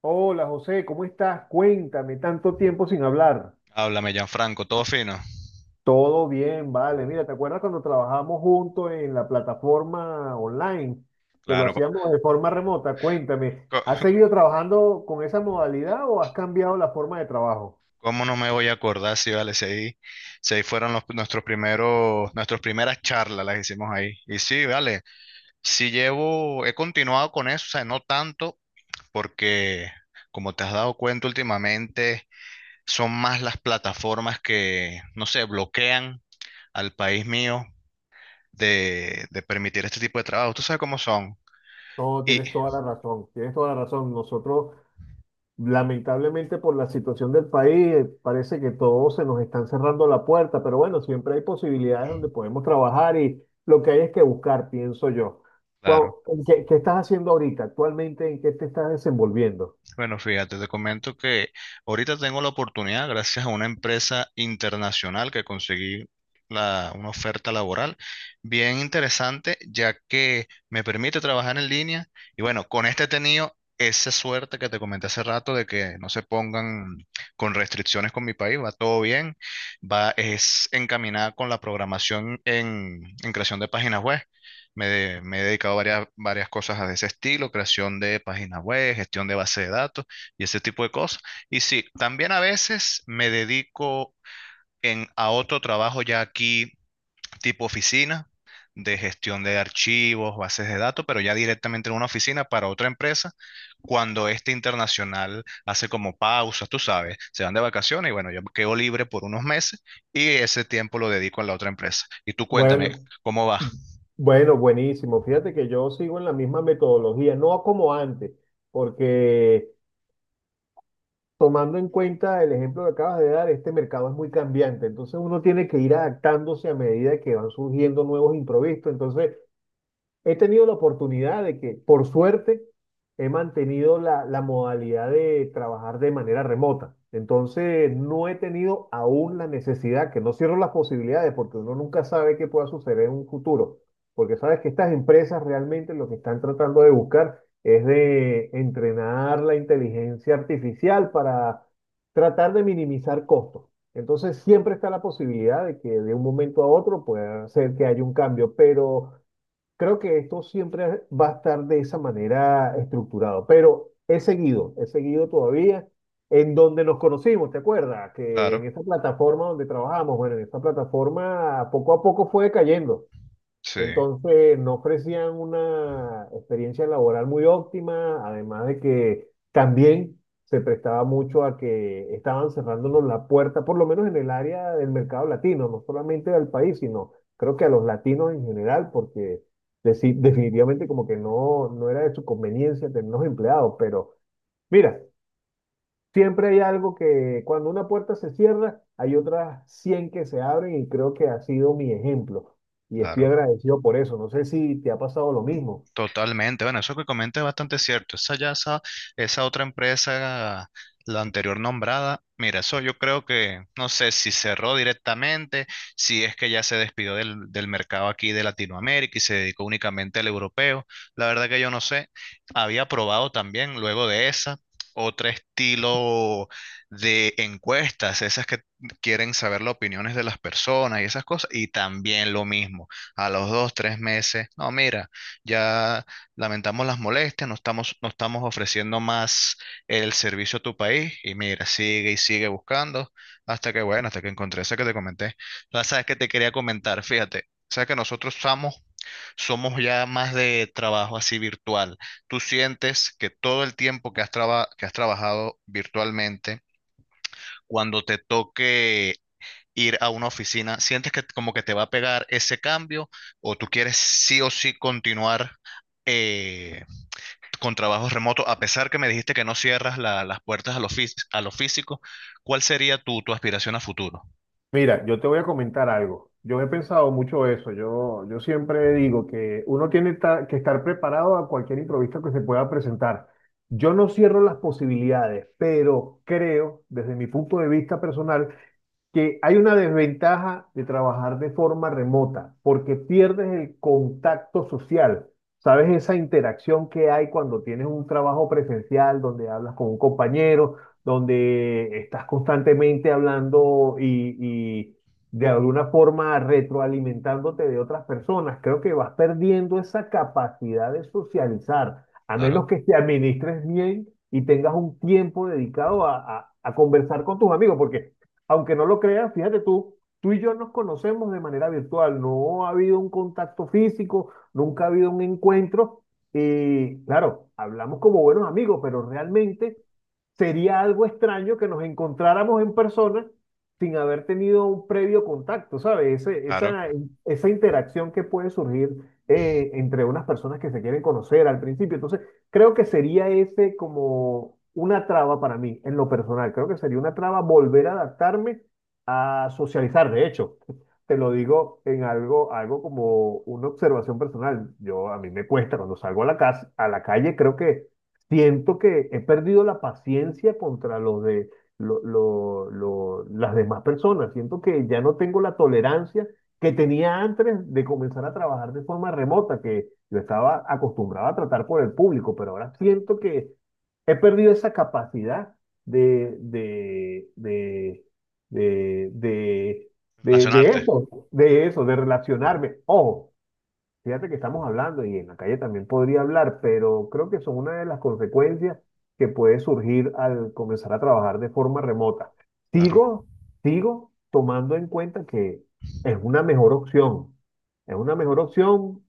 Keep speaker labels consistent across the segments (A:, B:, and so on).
A: Hola José, ¿cómo estás? Cuéntame, tanto tiempo sin hablar.
B: Háblame, Gianfranco, todo fino.
A: Todo bien, vale. Mira, ¿te acuerdas cuando trabajamos juntos en la plataforma online, que lo
B: Claro,
A: hacíamos de forma remota? Cuéntame, ¿has
B: co-
A: seguido trabajando con esa modalidad o has cambiado la forma de trabajo?
B: ¿cómo no me voy a acordar? Si vale, si ahí fueron nuestros nuestras primeras charlas las hicimos ahí. Y sí, vale, he continuado con eso, o sea, no tanto, porque como te has dado cuenta últimamente, son más las plataformas que, no sé, bloquean al país mío de permitir este tipo de trabajo. Tú sabes cómo son.
A: No,
B: Y,
A: tienes toda la razón, tienes toda la razón. Nosotros lamentablemente, por la situación del país, parece que todos se nos están cerrando la puerta, pero bueno, siempre hay posibilidades donde podemos trabajar y lo que hay es que buscar, pienso yo. Cuau-
B: claro.
A: ¿qué estás haciendo ahorita? Actualmente, ¿en qué te estás desenvolviendo?
B: Bueno, fíjate, te comento que ahorita tengo la oportunidad, gracias a una empresa internacional que conseguí una oferta laboral bien interesante, ya que me permite trabajar en línea. Y bueno, con este he tenido esa suerte que te comenté hace rato de que no se pongan con restricciones con mi país, va todo bien, va, es encaminada con la programación en creación de páginas web. Me he dedicado a varias cosas de ese estilo, creación de páginas web, gestión de base de datos y ese tipo de cosas. Y sí, también a veces me dedico a otro trabajo ya aquí, tipo oficina, de gestión de archivos, bases de datos, pero ya directamente en una oficina para otra empresa, cuando este internacional hace como pausas, tú sabes, se van de vacaciones y bueno, yo quedo libre por unos meses y ese tiempo lo dedico a la otra empresa. Y tú cuéntame,
A: Bueno,
B: ¿cómo va?
A: Bueno, buenísimo. Fíjate que yo sigo en la misma metodología, no como antes, porque tomando en cuenta el ejemplo que acabas de dar, este mercado es muy cambiante, entonces uno tiene que ir adaptándose a medida que van surgiendo nuevos imprevistos. Entonces, he tenido la oportunidad de que, por suerte, he mantenido la modalidad de trabajar de manera remota. Entonces, no he tenido aún la necesidad, que no cierro las posibilidades, porque uno nunca sabe qué pueda suceder en un futuro, porque sabes que estas empresas realmente lo que están tratando de buscar es de entrenar la inteligencia artificial para tratar de minimizar costos. Entonces, siempre está la posibilidad de que de un momento a otro pueda ser que haya un cambio, pero... Creo que esto siempre va a estar de esa manera estructurado, pero he seguido todavía en donde nos conocimos, ¿te acuerdas? Que en
B: Claro,
A: esa plataforma donde trabajamos, bueno, en esa plataforma poco a poco fue cayendo.
B: sí.
A: Entonces, no ofrecían una experiencia laboral muy óptima, además de que también se prestaba mucho a que estaban cerrándonos la puerta, por lo menos en el área del mercado latino, no solamente al país, sino creo que a los latinos en general, porque definitivamente como que no, no era de su conveniencia tenernos empleados, pero mira, siempre hay algo que cuando una puerta se cierra, hay otras 100 que se abren y creo que ha sido mi ejemplo. Y estoy
B: Claro,
A: agradecido por eso. No sé si te ha pasado lo mismo.
B: totalmente. Bueno, eso que comenta es bastante cierto. Esa otra empresa, la anterior nombrada, mira, eso yo creo que, no sé si cerró directamente, si es que ya se despidió del mercado aquí de Latinoamérica y se dedicó únicamente al europeo. La verdad que yo no sé. Había probado también luego de esa. Otro estilo de encuestas, esas que quieren saber las opiniones de las personas y esas cosas, y también lo mismo a los dos, tres meses. No, mira, ya lamentamos las molestias, no estamos ofreciendo más el servicio a tu país y mira, sigue y sigue buscando hasta que, bueno, hasta que encontré esa que te comenté. La sabes que te quería comentar, fíjate, sabes que somos ya más de trabajo así virtual. ¿Tú sientes que todo el tiempo que que has trabajado virtualmente, cuando te toque ir a una oficina? ¿Sientes que como que te va a pegar ese cambio o tú quieres sí o sí continuar eh, con trabajos remotos? A pesar que me dijiste que no cierras las puertas a a lo físico, ¿cuál sería tu, tu aspiración a futuro?
A: Mira, yo te voy a comentar algo. Yo he pensado mucho eso. Yo siempre digo que uno tiene que estar preparado a cualquier imprevisto que se pueda presentar. Yo no cierro las posibilidades, pero creo, desde mi punto de vista personal, que hay una desventaja de trabajar de forma remota, porque pierdes el contacto social. ¿Sabes? Esa interacción que hay cuando tienes un trabajo presencial, donde hablas con un compañero, donde estás constantemente hablando y de alguna forma retroalimentándote de otras personas. Creo que vas perdiendo esa capacidad de socializar, a
B: Claro,
A: menos que te administres bien y tengas un tiempo dedicado a conversar con tus amigos, porque aunque no lo creas, fíjate tú, tú y yo nos conocemos de manera virtual, no ha habido un contacto físico, nunca ha habido un encuentro y claro, hablamos como buenos amigos, pero realmente sería algo extraño que nos encontráramos en persona sin haber tenido un previo contacto, ¿sabes?
B: claro.
A: Esa interacción que puede surgir entre unas personas que se quieren conocer al principio. Entonces, creo que sería ese como una traba para mí, en lo personal. Creo que sería una traba volver a adaptarme a socializar. De hecho, te lo digo en algo, algo como una observación personal. Yo, a mí me cuesta cuando salgo a la casa, a la calle, creo que siento que he perdido la paciencia contra los de las demás personas. Siento que ya no tengo la tolerancia que tenía antes de comenzar a trabajar de forma remota, que yo estaba acostumbrado a tratar por el público, pero ahora siento que he perdido esa capacidad de, de, de, de, de, de
B: Relacionarte.
A: eso, de relacionarme. Ojo, fíjate que estamos hablando y en la calle también podría hablar, pero creo que son una de las consecuencias que puede surgir al comenzar a trabajar de forma remota.
B: Claro,
A: Sigo, sigo tomando en cuenta que es una mejor opción. Es una mejor opción,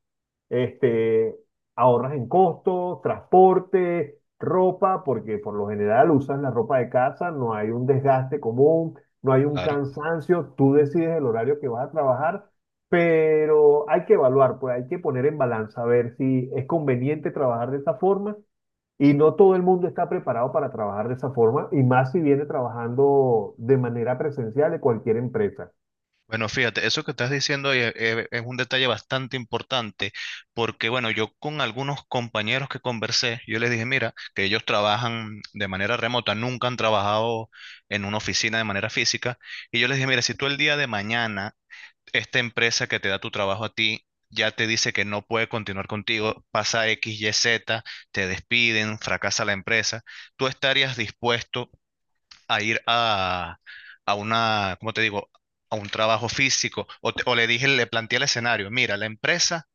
A: este, ahorras en costos, transporte, ropa, porque por lo general usas la ropa de casa, no hay un desgaste común, no hay un
B: claro.
A: cansancio, tú decides el horario que vas a trabajar, pero hay que evaluar, pues hay que poner en balanza, a ver si es conveniente trabajar de esa forma y no todo el mundo está preparado para trabajar de esa forma y más si viene trabajando de manera presencial de cualquier empresa.
B: Bueno, fíjate, eso que estás diciendo ahí, un detalle bastante importante, porque bueno, yo con algunos compañeros que conversé, yo les dije, mira, que ellos trabajan de manera remota, nunca han trabajado en una oficina de manera física, y yo les dije, mira, si tú el día de mañana, esta empresa que te da tu trabajo a ti, ya te dice que no puede continuar contigo, pasa X, Y, Z, te despiden, fracasa la empresa, ¿tú estarías dispuesto a ir a una, ¿cómo te digo? A un trabajo físico? O, o le dije, le planteé el escenario, mira, la empresa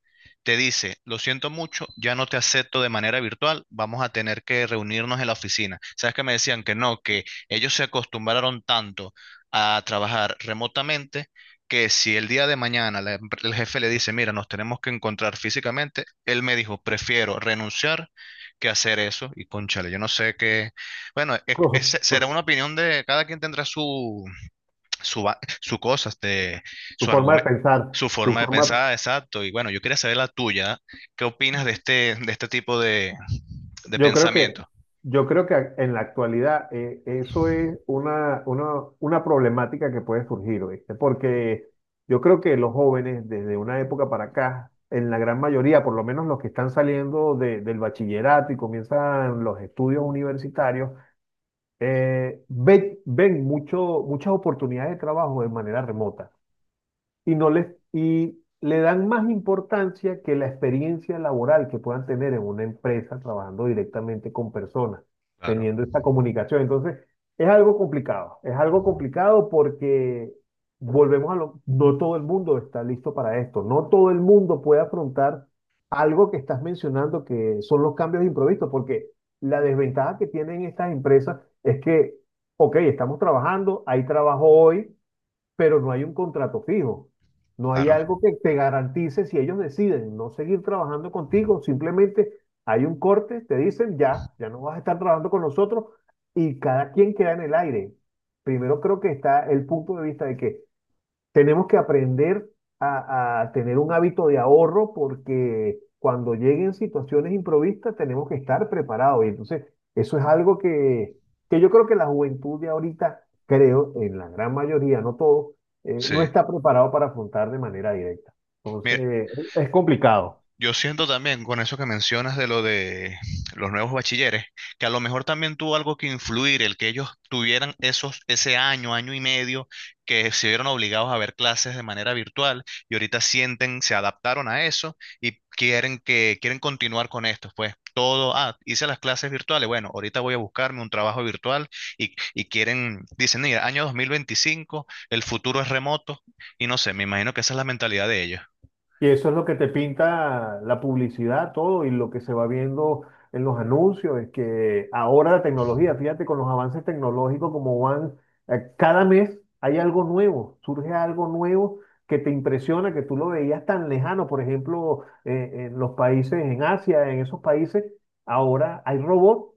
B: te dice, lo siento mucho, ya no te acepto de manera virtual, vamos a tener que reunirnos en la oficina. ¿Sabes que me decían que no, que ellos se acostumbraron tanto a trabajar remotamente que si el día de mañana el jefe le dice, mira, nos tenemos que encontrar físicamente, él me dijo, prefiero renunciar que hacer eso? Y cónchale, yo no sé qué, bueno, será una opinión de cada quien, tendrá su, su cosa, este,
A: Su
B: su
A: forma de
B: argumento,
A: pensar,
B: su
A: su
B: forma de
A: forma.
B: pensar, exacto. Y bueno, yo quería saber la tuya. ¿Qué opinas de de este tipo de
A: Yo creo que,
B: pensamiento?
A: yo creo que en la actualidad eso es una problemática que puede surgir, ¿oíste? Porque yo creo que los jóvenes desde una época para acá, en la gran mayoría, por lo menos los que están saliendo del bachillerato y comienzan los estudios universitarios, ven mucho, muchas oportunidades de trabajo de manera remota y no les y le dan más importancia que la experiencia laboral que puedan tener en una empresa trabajando directamente con personas,
B: Claro,
A: teniendo esta comunicación. Entonces, es algo complicado porque volvemos a lo, no todo el mundo está listo para esto, no todo el mundo puede afrontar algo que estás mencionando que son los cambios imprevistos, porque la desventaja que tienen estas empresas es que, ok, estamos trabajando, hay trabajo hoy, pero no hay un contrato fijo. No hay
B: claro,
A: algo que te garantice si ellos deciden no seguir trabajando contigo, simplemente hay un corte, te dicen ya no vas a estar trabajando con nosotros y cada quien queda en el aire. Primero creo que está el punto de vista de que tenemos que aprender a tener un hábito de ahorro porque cuando lleguen situaciones improvistas tenemos que estar preparados. Y entonces, eso es algo que yo creo que la juventud de ahorita, creo, en la gran mayoría, no todo, no
B: sí.
A: está preparado para afrontar de manera directa.
B: Mi-
A: Entonces, es complicado.
B: Yo siento también con eso que mencionas de lo de los nuevos bachilleres, que a lo mejor también tuvo algo que influir el que ellos tuvieran ese año, año y medio, que se vieron obligados a ver clases de manera virtual y ahorita sienten, se adaptaron a eso y quieren que, quieren continuar con esto. Pues todo, ah, hice las clases virtuales, bueno, ahorita voy a buscarme un trabajo virtual y quieren, dicen, mira, año 2025 el futuro es remoto y no sé, me imagino que esa es la mentalidad de ellos.
A: Y eso es lo que te pinta la publicidad, todo, y lo que se va viendo en los anuncios, es que ahora la tecnología, fíjate con los avances tecnológicos como van, cada mes hay algo nuevo, surge algo nuevo que te impresiona, que tú lo veías tan lejano, por ejemplo, en los países, en Asia, en esos países, ahora hay robots.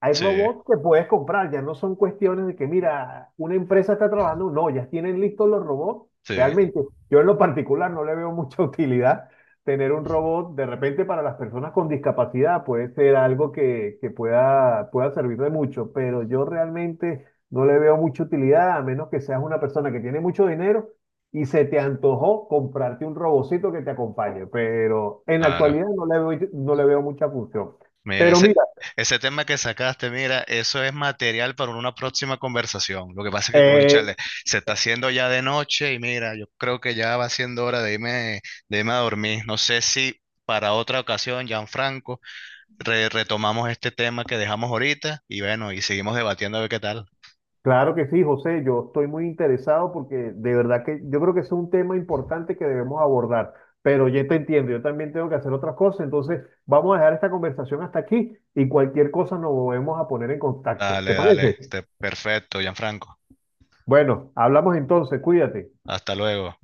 A: Hay
B: Sí,
A: robots que puedes comprar, ya no son cuestiones de que, mira, una empresa está trabajando, no, ya tienen listos los robots.
B: sí,
A: Realmente, yo en lo particular no le veo mucha utilidad tener un robot. De repente, para las personas con discapacidad puede ser algo que pueda servir de mucho, pero yo realmente no le veo mucha utilidad, a menos que seas una persona que tiene mucho dinero y se te antojó comprarte un robocito que te acompañe. Pero en la
B: claro.
A: actualidad no le veo mucha función.
B: Mira,
A: Pero
B: ese,
A: mira,
B: ese tema que sacaste, mira, eso es material para una próxima conversación. Lo que pasa es que,
A: Eh,
B: conchale, se está haciendo ya de noche y mira, yo creo que ya va siendo hora de irme a dormir. No sé si para otra ocasión, Gianfranco, retomamos este tema que dejamos ahorita y bueno, y seguimos debatiendo a ver qué tal.
A: claro que sí, José, yo estoy muy interesado porque de verdad que yo creo que es un tema importante que debemos abordar, pero ya te entiendo, yo también tengo que hacer otras cosas, entonces vamos a dejar esta conversación hasta aquí y cualquier cosa nos volvemos a poner en contacto,
B: Dale,
A: ¿te
B: dale,
A: parece?
B: este, perfecto, Gianfranco.
A: Bueno, hablamos entonces, cuídate.
B: Hasta luego.